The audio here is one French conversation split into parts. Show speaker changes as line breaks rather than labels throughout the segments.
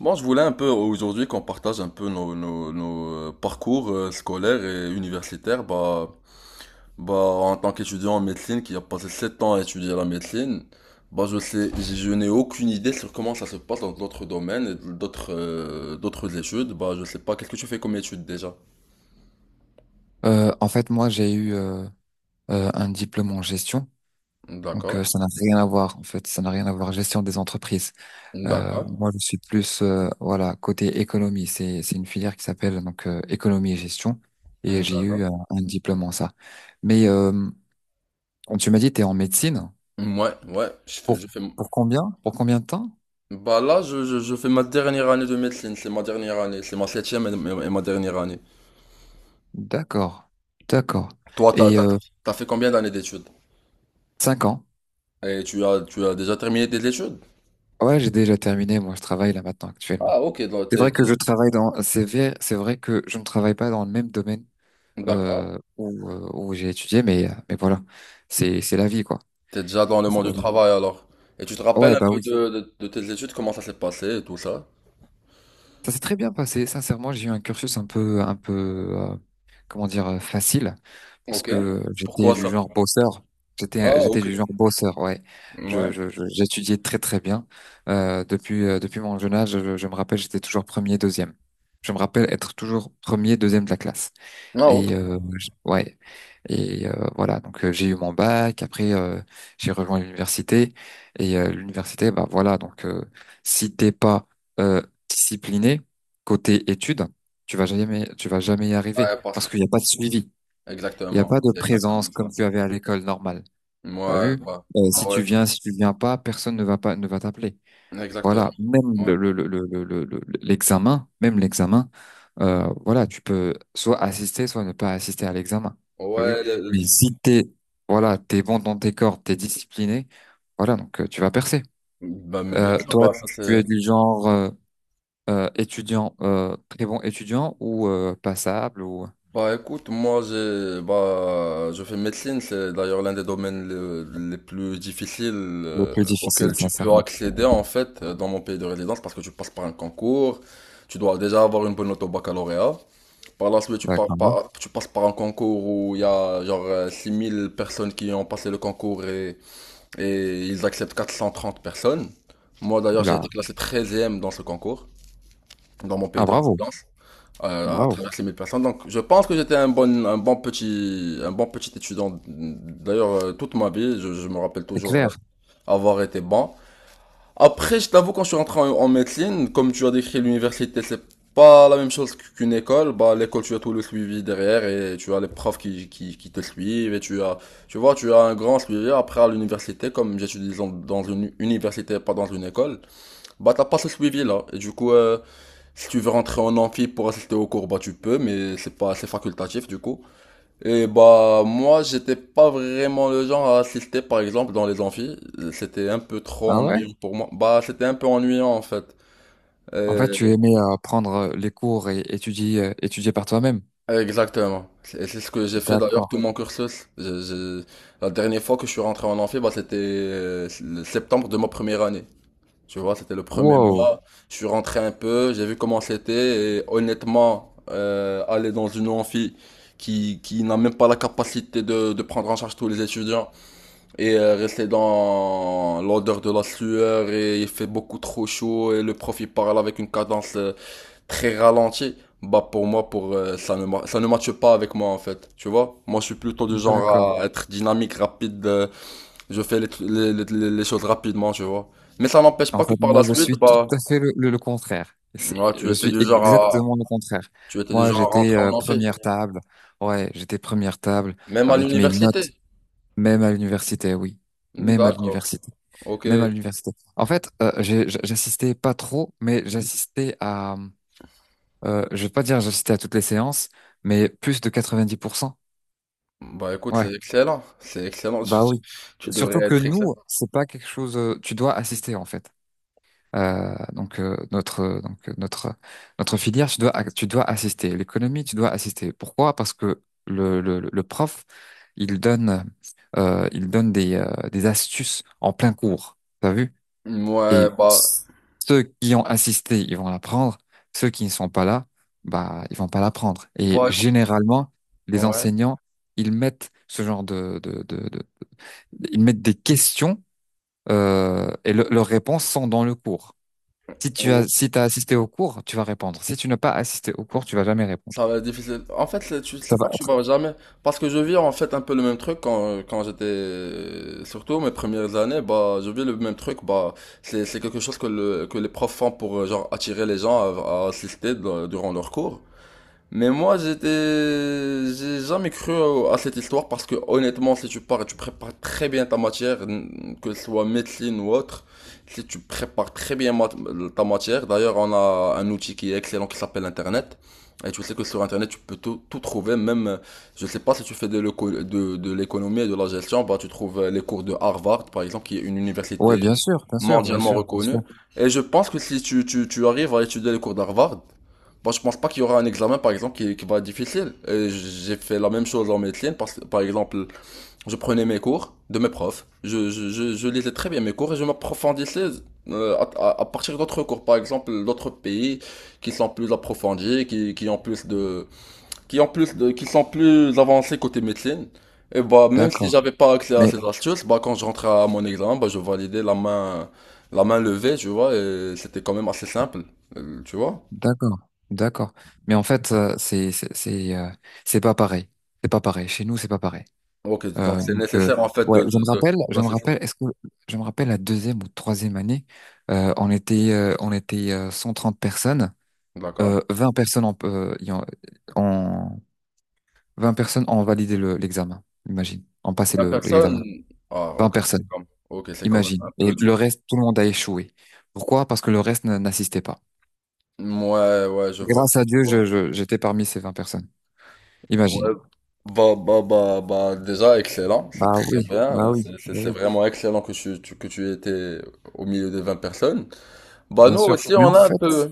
Moi, je voulais un peu aujourd'hui qu'on partage un peu nos parcours scolaires et universitaires. En tant qu'étudiant en médecine qui a passé 7 ans à étudier la médecine, bah, je n'ai aucune idée sur comment ça se passe dans d'autres domaines et d'autres études. Bah, je sais pas, qu'est-ce que tu fais comme études déjà?
En fait, moi, j'ai eu un diplôme en gestion. Donc,
D'accord,
ça n'a rien à voir, en fait. Ça n'a rien à voir, gestion des entreprises.
d'accord,
Moi, je suis plus, voilà, côté économie. C'est une filière qui s'appelle donc économie et gestion. Et j'ai eu
d'accord.
un diplôme en ça. Mais quand tu m'as dit, tu es en médecine.
Ouais, ouais,
Pour,
je fais.
pour combien? Pour combien de temps?
Bah là, je fais ma dernière année de médecine, c'est ma dernière année, c'est ma septième et ma dernière année.
D'accord. D'accord.
Toi,
Et euh,
t'as fait combien d'années d'études?
5 ans.
Et tu as déjà terminé tes études?
Ouais, j'ai déjà terminé. Moi, je travaille là maintenant, actuellement.
Ah, ok, donc
C'est vrai que je travaille dans, c'est vrai que je ne travaille pas dans le même domaine
d'accord.
où, où j'ai étudié, mais voilà, c'est la vie, quoi.
T'es déjà dans le
C'est
monde
la
du
vie.
travail alors. Et tu te rappelles
Ouais,
un
bah
peu
oui.
de tes études, comment ça s'est passé et tout ça?
Ça s'est très bien passé. Sincèrement, j'ai eu un cursus un peu, comment dire, facile, parce
Ok.
que j'étais
Pourquoi
du
ça?
genre bosseur.
Ah,
J'étais
ok.
du genre bosseur, ouais.
Ouais.
J'étudiais très, très bien. Depuis mon jeune âge, je me rappelle, j'étais toujours premier, deuxième. Je me rappelle être toujours premier, deuxième de la classe.
Ah, ok.
Ouais, voilà. J'ai eu mon bac. Après J'ai rejoint l'université. L'université, bah voilà. Si t'es pas euh, discipliné côté études, tu vas jamais y arriver
Ouais, parce
parce
que.
qu'il n'y a pas de suivi, il n'y a
Exactement.
pas de
C'est
présence
exactement
comme
ça.
tu avais à l'école normale. T'as
Ouais,
vu? Si
bah ouais.
tu viens, si tu viens pas, personne ne va pas, ne va t'appeler.
Exactement.
Voilà, même
Ouais.
le- l'examen, même l'examen, voilà, tu peux soit assister, soit ne pas assister à l'examen. T'as vu?
Ouais, le- le-
Mais si t'es, Voilà, t'es bon dans tes cordes, t'es discipliné, voilà, tu vas percer.
Bah, mais bien sûr,
Toi,
bah, ça
tu
c'est.
es du genre étudiant, très bon étudiant ou passable ou
Bah écoute, moi j'ai bah je fais médecine, c'est d'ailleurs l'un des les plus difficiles
le
euh,
plus
auxquels
difficile,
tu peux
sincèrement.
accéder en fait dans mon pays de résidence parce que tu passes par un concours, tu dois déjà avoir une bonne note au baccalauréat. Par la suite,
D'accord, hein.
tu passes par un concours où il y a genre 6000 personnes qui ont passé le concours et ils acceptent 430 personnes. Moi d'ailleurs, j'ai été
Oula.
classé 13 dans ce concours, dans mon pays
Ah,
de
bravo,
résidence à
bravo.
travers les 1000 personnes. Donc, je pense que j'étais un bon petit étudiant. D'ailleurs, toute ma vie, je me rappelle
C'est
toujours
clair.
avoir été bon. Après, je t'avoue, quand je suis rentré en médecine, comme tu as décrit l'université, c'est pas la même chose qu'une école. Bah, l'école, tu as tout le suivi derrière et tu as les profs qui te suivent et tu as, tu vois, tu as un grand suivi. Après, à l'université, comme j'étudie dans une université, pas dans une école, bah, t'as pas ce suivi-là. Du coup, si tu veux rentrer en amphi pour assister au cours, bah tu peux, mais c'est pas assez facultatif du coup. Et bah moi j'étais pas vraiment le genre à assister par exemple dans les amphis, c'était un peu trop
Ah ouais?
ennuyant pour moi. Bah c'était un peu ennuyant en fait.
En fait,
Euh,
tu aimais prendre les cours et étudier, étudier par toi-même.
Exactement. Et c'est ce que j'ai fait d'ailleurs tout
D'accord.
mon cursus. La dernière fois que je suis rentré en amphi, bah c'était le septembre de ma première année. Tu vois, c'était le premier
Wow,
mois. Je suis rentré un peu, j'ai vu comment c'était. Et honnêtement, aller dans une amphi qui n'a même pas la capacité de prendre en charge tous les étudiants et rester dans l'odeur de la sueur et il fait beaucoup trop chaud et le prof il parle avec une cadence très ralentie. Bah pour moi, pour ça ne ma- ça ne matche pas avec moi en fait. Tu vois, moi je suis plutôt du
d'accord.
genre à être dynamique, rapide. Je fais les choses rapidement, tu vois. Mais ça n'empêche
En
pas que
fait,
par
moi,
la
je
suite,
suis tout
bah,
à fait le contraire. C'est-
ouais,
Je suis exactement le contraire.
tu étais du
Moi,
genre à
j'étais
rentrer en amphi.
première table. Ouais, j'étais première table
Même à
avec mes notes,
l'université.
même à l'université, oui. Même à
D'accord.
l'université.
Ok.
Même à l'université. En fait, j'assistais pas trop, mais j'assistais à… Je vais pas dire j'assistais à toutes les séances, mais plus de 90%.
Bah, écoute,
Ouais,
c'est excellent. C'est excellent. Tu,
bah oui.
tu- devrais
Surtout que
être excellent.
nous, c'est pas quelque chose… tu dois assister, en fait. Notre notre filière, tu dois assister. L'économie, tu dois assister. Pourquoi? Parce que le prof, il donne il donne des astuces en plein cours. T'as vu?
Ouais,
Et
bah,
ceux qui ont assisté, ils vont l'apprendre. Ceux qui ne sont pas là, bah ils vont pas l'apprendre. Et
bah, écou-
généralement, les
ouais.
enseignants, ils mettent ce genre de- ils mettent des questions leurs réponses sont dans le cours. Si tu as, Si t'as assisté au cours, tu vas répondre. Si tu n'as pas assisté au cours, tu vas jamais répondre.
Ça va être difficile. En fait, tu sais
Ça va
pas que tu
être.
vas jamais. Parce que je vis en fait un peu le même truc quand j'étais. Surtout mes premières années, bah, je vis le même truc. Bah, c'est quelque chose que les profs font pour genre attirer les gens à assister durant leurs cours. Mais moi, j'étais, j'ai jamais cru à cette histoire parce que honnêtement, si tu pars et tu prépares très bien ta matière, que ce soit médecine ou autre, si tu prépares ta matière, d'ailleurs, on a un outil qui est excellent qui s'appelle Internet. Et tu sais que sur Internet, tu peux tout trouver, même, je sais pas si tu fais de l'économie et de la gestion, bah, tu trouves les cours de Harvard, par exemple, qui est une université
Ouais, bien sûr, bien sûr, bien
mondialement
sûr, bien
reconnue.
sûr.
Et je pense que si tu arrives à étudier les cours d'Harvard, bon, je pense pas qu'il y aura un examen, par exemple, qui va être difficile. Et j'ai fait la même chose en médecine, parce que, par exemple, je prenais mes cours de mes profs, je lisais très bien mes cours et je m'approfondissais à partir d'autres cours, par exemple, d'autres pays qui sont plus approfondis, qui ont plus de, qui sont plus avancés côté médecine. Et bah, même si
D'accord.
j'avais pas accès à
Mais
ces astuces, bah, quand je rentrais à mon examen, bah, je validais la main levée, tu vois, et c'était quand même assez simple, tu vois.
d'accord, d'accord. Mais en fait, c'est pas pareil. C'est pas pareil. Chez nous, c'est pas pareil.
OK, donc
Euh,
c'est
donc euh,
nécessaire en fait
ouais,
de de de
je me
d'assister.
rappelle. Est-ce que je me rappelle la deuxième ou troisième année, on était 130 personnes.
D'accord.
20 personnes en, y en, en- 20 personnes ont validé le- l'examen. Imagine, ont passé
20
le- l'examen.
personnes? Ah
20 personnes,
OK, c'est quand même
imagine.
un
Et
peu dur.
le reste, tout le monde a échoué. Pourquoi? Parce que le reste n'assistait pas.
Ouais ouais,
Grâce à
je
Dieu,
vois.
j'étais parmi ces 20 personnes.
Ouais,
Imagine.
bah, déjà excellent, c'est
Bah
très
oui, bah
bien, hein, c'est
oui,
c'est
bah
c'est
oui,
vraiment excellent que tu tu que tu étais au milieu des 20 personnes. Bah
bien
nous
sûr.
aussi
Mais en
un
fait,
peu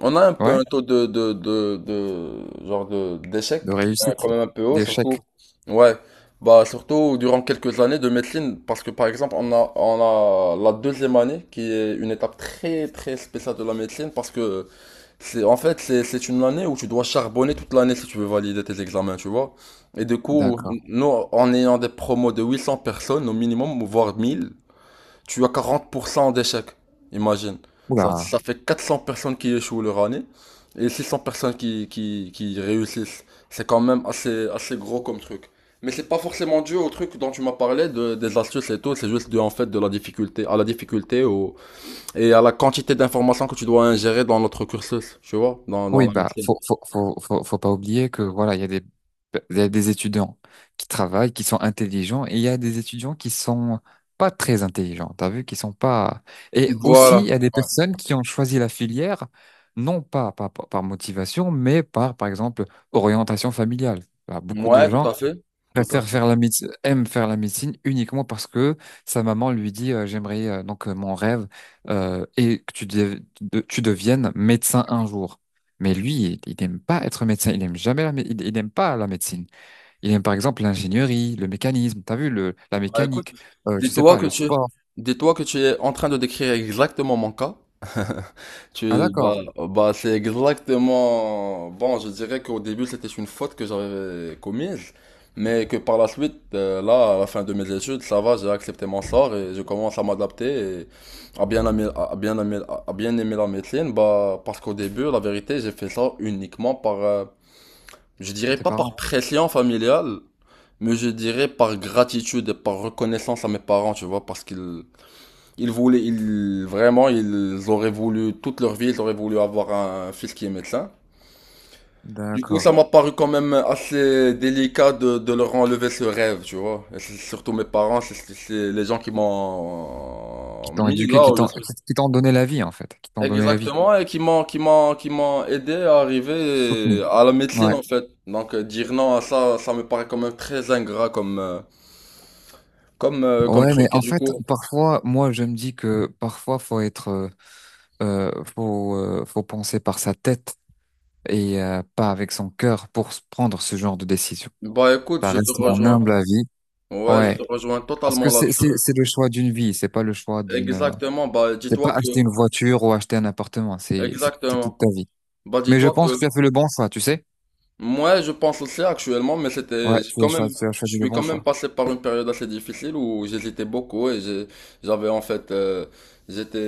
on a un peu
ouais,
un taux de
de
d'échec qui
réussite,
est quand même un peu haut surtout
d'échec.
ouais bah surtout durant quelques années de médecine parce que par exemple on a la deuxième année qui est une étape très très spéciale de la médecine parce que c'est en fait c'est une année où tu dois charbonner toute l'année si tu veux valider tes examens tu vois et du coup
D'accord.
nous en ayant des promos de 800 personnes au minimum voire 1000 tu as 40% d'échecs, imagine. Ça
Oula.
fait 400 personnes qui échouent leur année et 600 personnes qui réussissent. C'est quand même assez gros comme truc. Mais c'est pas forcément dû au truc dont tu m'as parlé, des astuces et tout, c'est juste dû en fait de la difficulté, à la difficulté au, et à la quantité d'informations que tu dois ingérer dans notre cursus, tu vois, dans
Oui,
la
bah,
médecine.
faut pas oublier que voilà, il y a des, il y a des étudiants qui travaillent, qui sont intelligents, et il y a des étudiants qui sont pas très intelligents. T'as vu, qui sont pas. Et aussi, il
Voilà.
y a des
Ouais,
personnes qui ont choisi la filière, non pas par, par motivation, mais par, par exemple, orientation familiale. Bah, beaucoup
ouais,
de
tout
gens
à fait. Tout à
préfère
fait.
faire la médecine, aime faire la médecine uniquement parce que sa maman lui dit j'aimerais mon rêve et que tu deviennes médecin un jour. Mais lui, il n'aime pas être médecin, il n'aime jamais la mé- il aime pas la médecine. Il aime par exemple l'ingénierie, le mécanisme, t'as vu le la
Bah écoute,
mécanique, je sais
dis-toi
pas,
que
le
tu,
sport.
dis-toi que tu es en train de décrire exactement mon cas.
Ah
Tu,
d'accord,
bah, c'est exactement. Bon, je dirais qu'au début, c'était une faute que j'avais commise, mais que par la suite, là, à la fin de mes études, ça va, j'ai accepté mon sort et je commence à m'adapter et à bien aimer, à bien aimer, à bien aimer la médecine. Bah, parce qu'au début, la vérité, j'ai fait ça uniquement par, je
pour
dirais
tes
pas par
parents.
pression familiale, mais je dirais par gratitude et par reconnaissance à mes parents, tu vois, parce qu'ils ils voulaient, ils, vraiment, ils auraient voulu, toute leur vie, ils auraient voulu avoir un fils qui est médecin. Du coup, ça
D'accord.
m'a paru quand même assez délicat de leur enlever ce rêve, tu vois. Et c'est surtout mes parents, c'est c'est les gens qui
Qui
m'ont
t'ont
mis
éduqué,
là où je suis.
qui t'ont donné la vie en fait, qui t'ont donné la vie,
Exactement, et qui m'ont aidé à
soutenu.
arriver à la médecine,
Ouais.
en fait. Donc, dire non à ça, ça me paraît quand même très ingrat comme
Ouais, mais
truc, et
en
du
fait,
coup.
parfois, moi, je me dis que parfois, faut penser par sa tête et pas avec son cœur pour prendre ce genre de décision.
Bah, écoute,
Ça
je te
reste mon
rejoins.
humble avis.
Ouais, je
Ouais,
te rejoins
parce que
totalement là-dessus.
c'est le choix d'une vie, c'est pas le choix d'une,
Exactement, bah
c'est pas
dis-toi que
acheter une voiture ou acheter un appartement, c'est toute
exactement.
ta vie.
Bah
Mais je
dis-toi
pense
que
que tu as fait le bon choix, tu sais?
moi je pense aussi actuellement, mais
Ouais,
c'était j'ai quand même
tu as
je
choisi le
suis
bon
quand même
choix.
passé par une période assez difficile où j'hésitais beaucoup et j'avais en fait euh, j'étais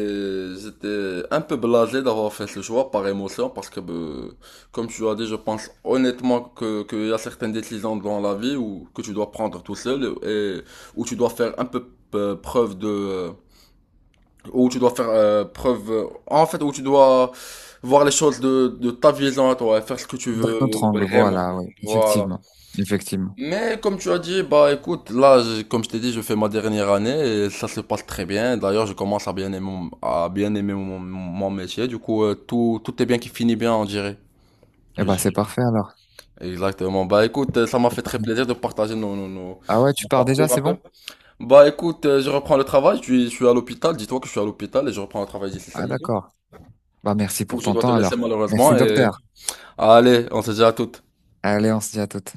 un peu blasé d'avoir fait ce choix par émotion parce que bah, comme tu as dit, je pense honnêtement que qu'il y a certaines décisions dans la vie où que tu dois prendre tout seul et où tu dois faire un peu preuve de où tu dois faire preuve, en fait, où tu dois voir les choses de ta vision à toi, et faire ce que tu
D'un
veux
autre angle,
vraiment.
voilà, ouais,
Voilà.
effectivement, effectivement.
Mais comme tu as dit, bah écoute, comme je t'ai dit, je fais ma dernière année et ça se passe très bien. D'ailleurs, je commence à bien aimer mon, mon métier. Du coup, tout est bien qui finit bien, on dirait.
Eh
Je
ben, c'est
dirais.
parfait alors,
Exactement. Bah écoute, ça m'a
c'est
fait très
parfait.
plaisir de partager
Ah ouais, tu
nos
pars déjà,
parcours un
c'est
peu.
bon?
Bah écoute, je reprends le travail, je suis à l'hôpital, dis-toi que je suis à l'hôpital et je reprends le travail d'ici
Ah,
5
d'accord. Bah,
Du
merci
coup,
pour
je
ton
dois te
temps
laisser
alors.
malheureusement.
Merci,
Et...
docteur.
Allez, on se dit à toutes.
Allez, on se dit à toutes.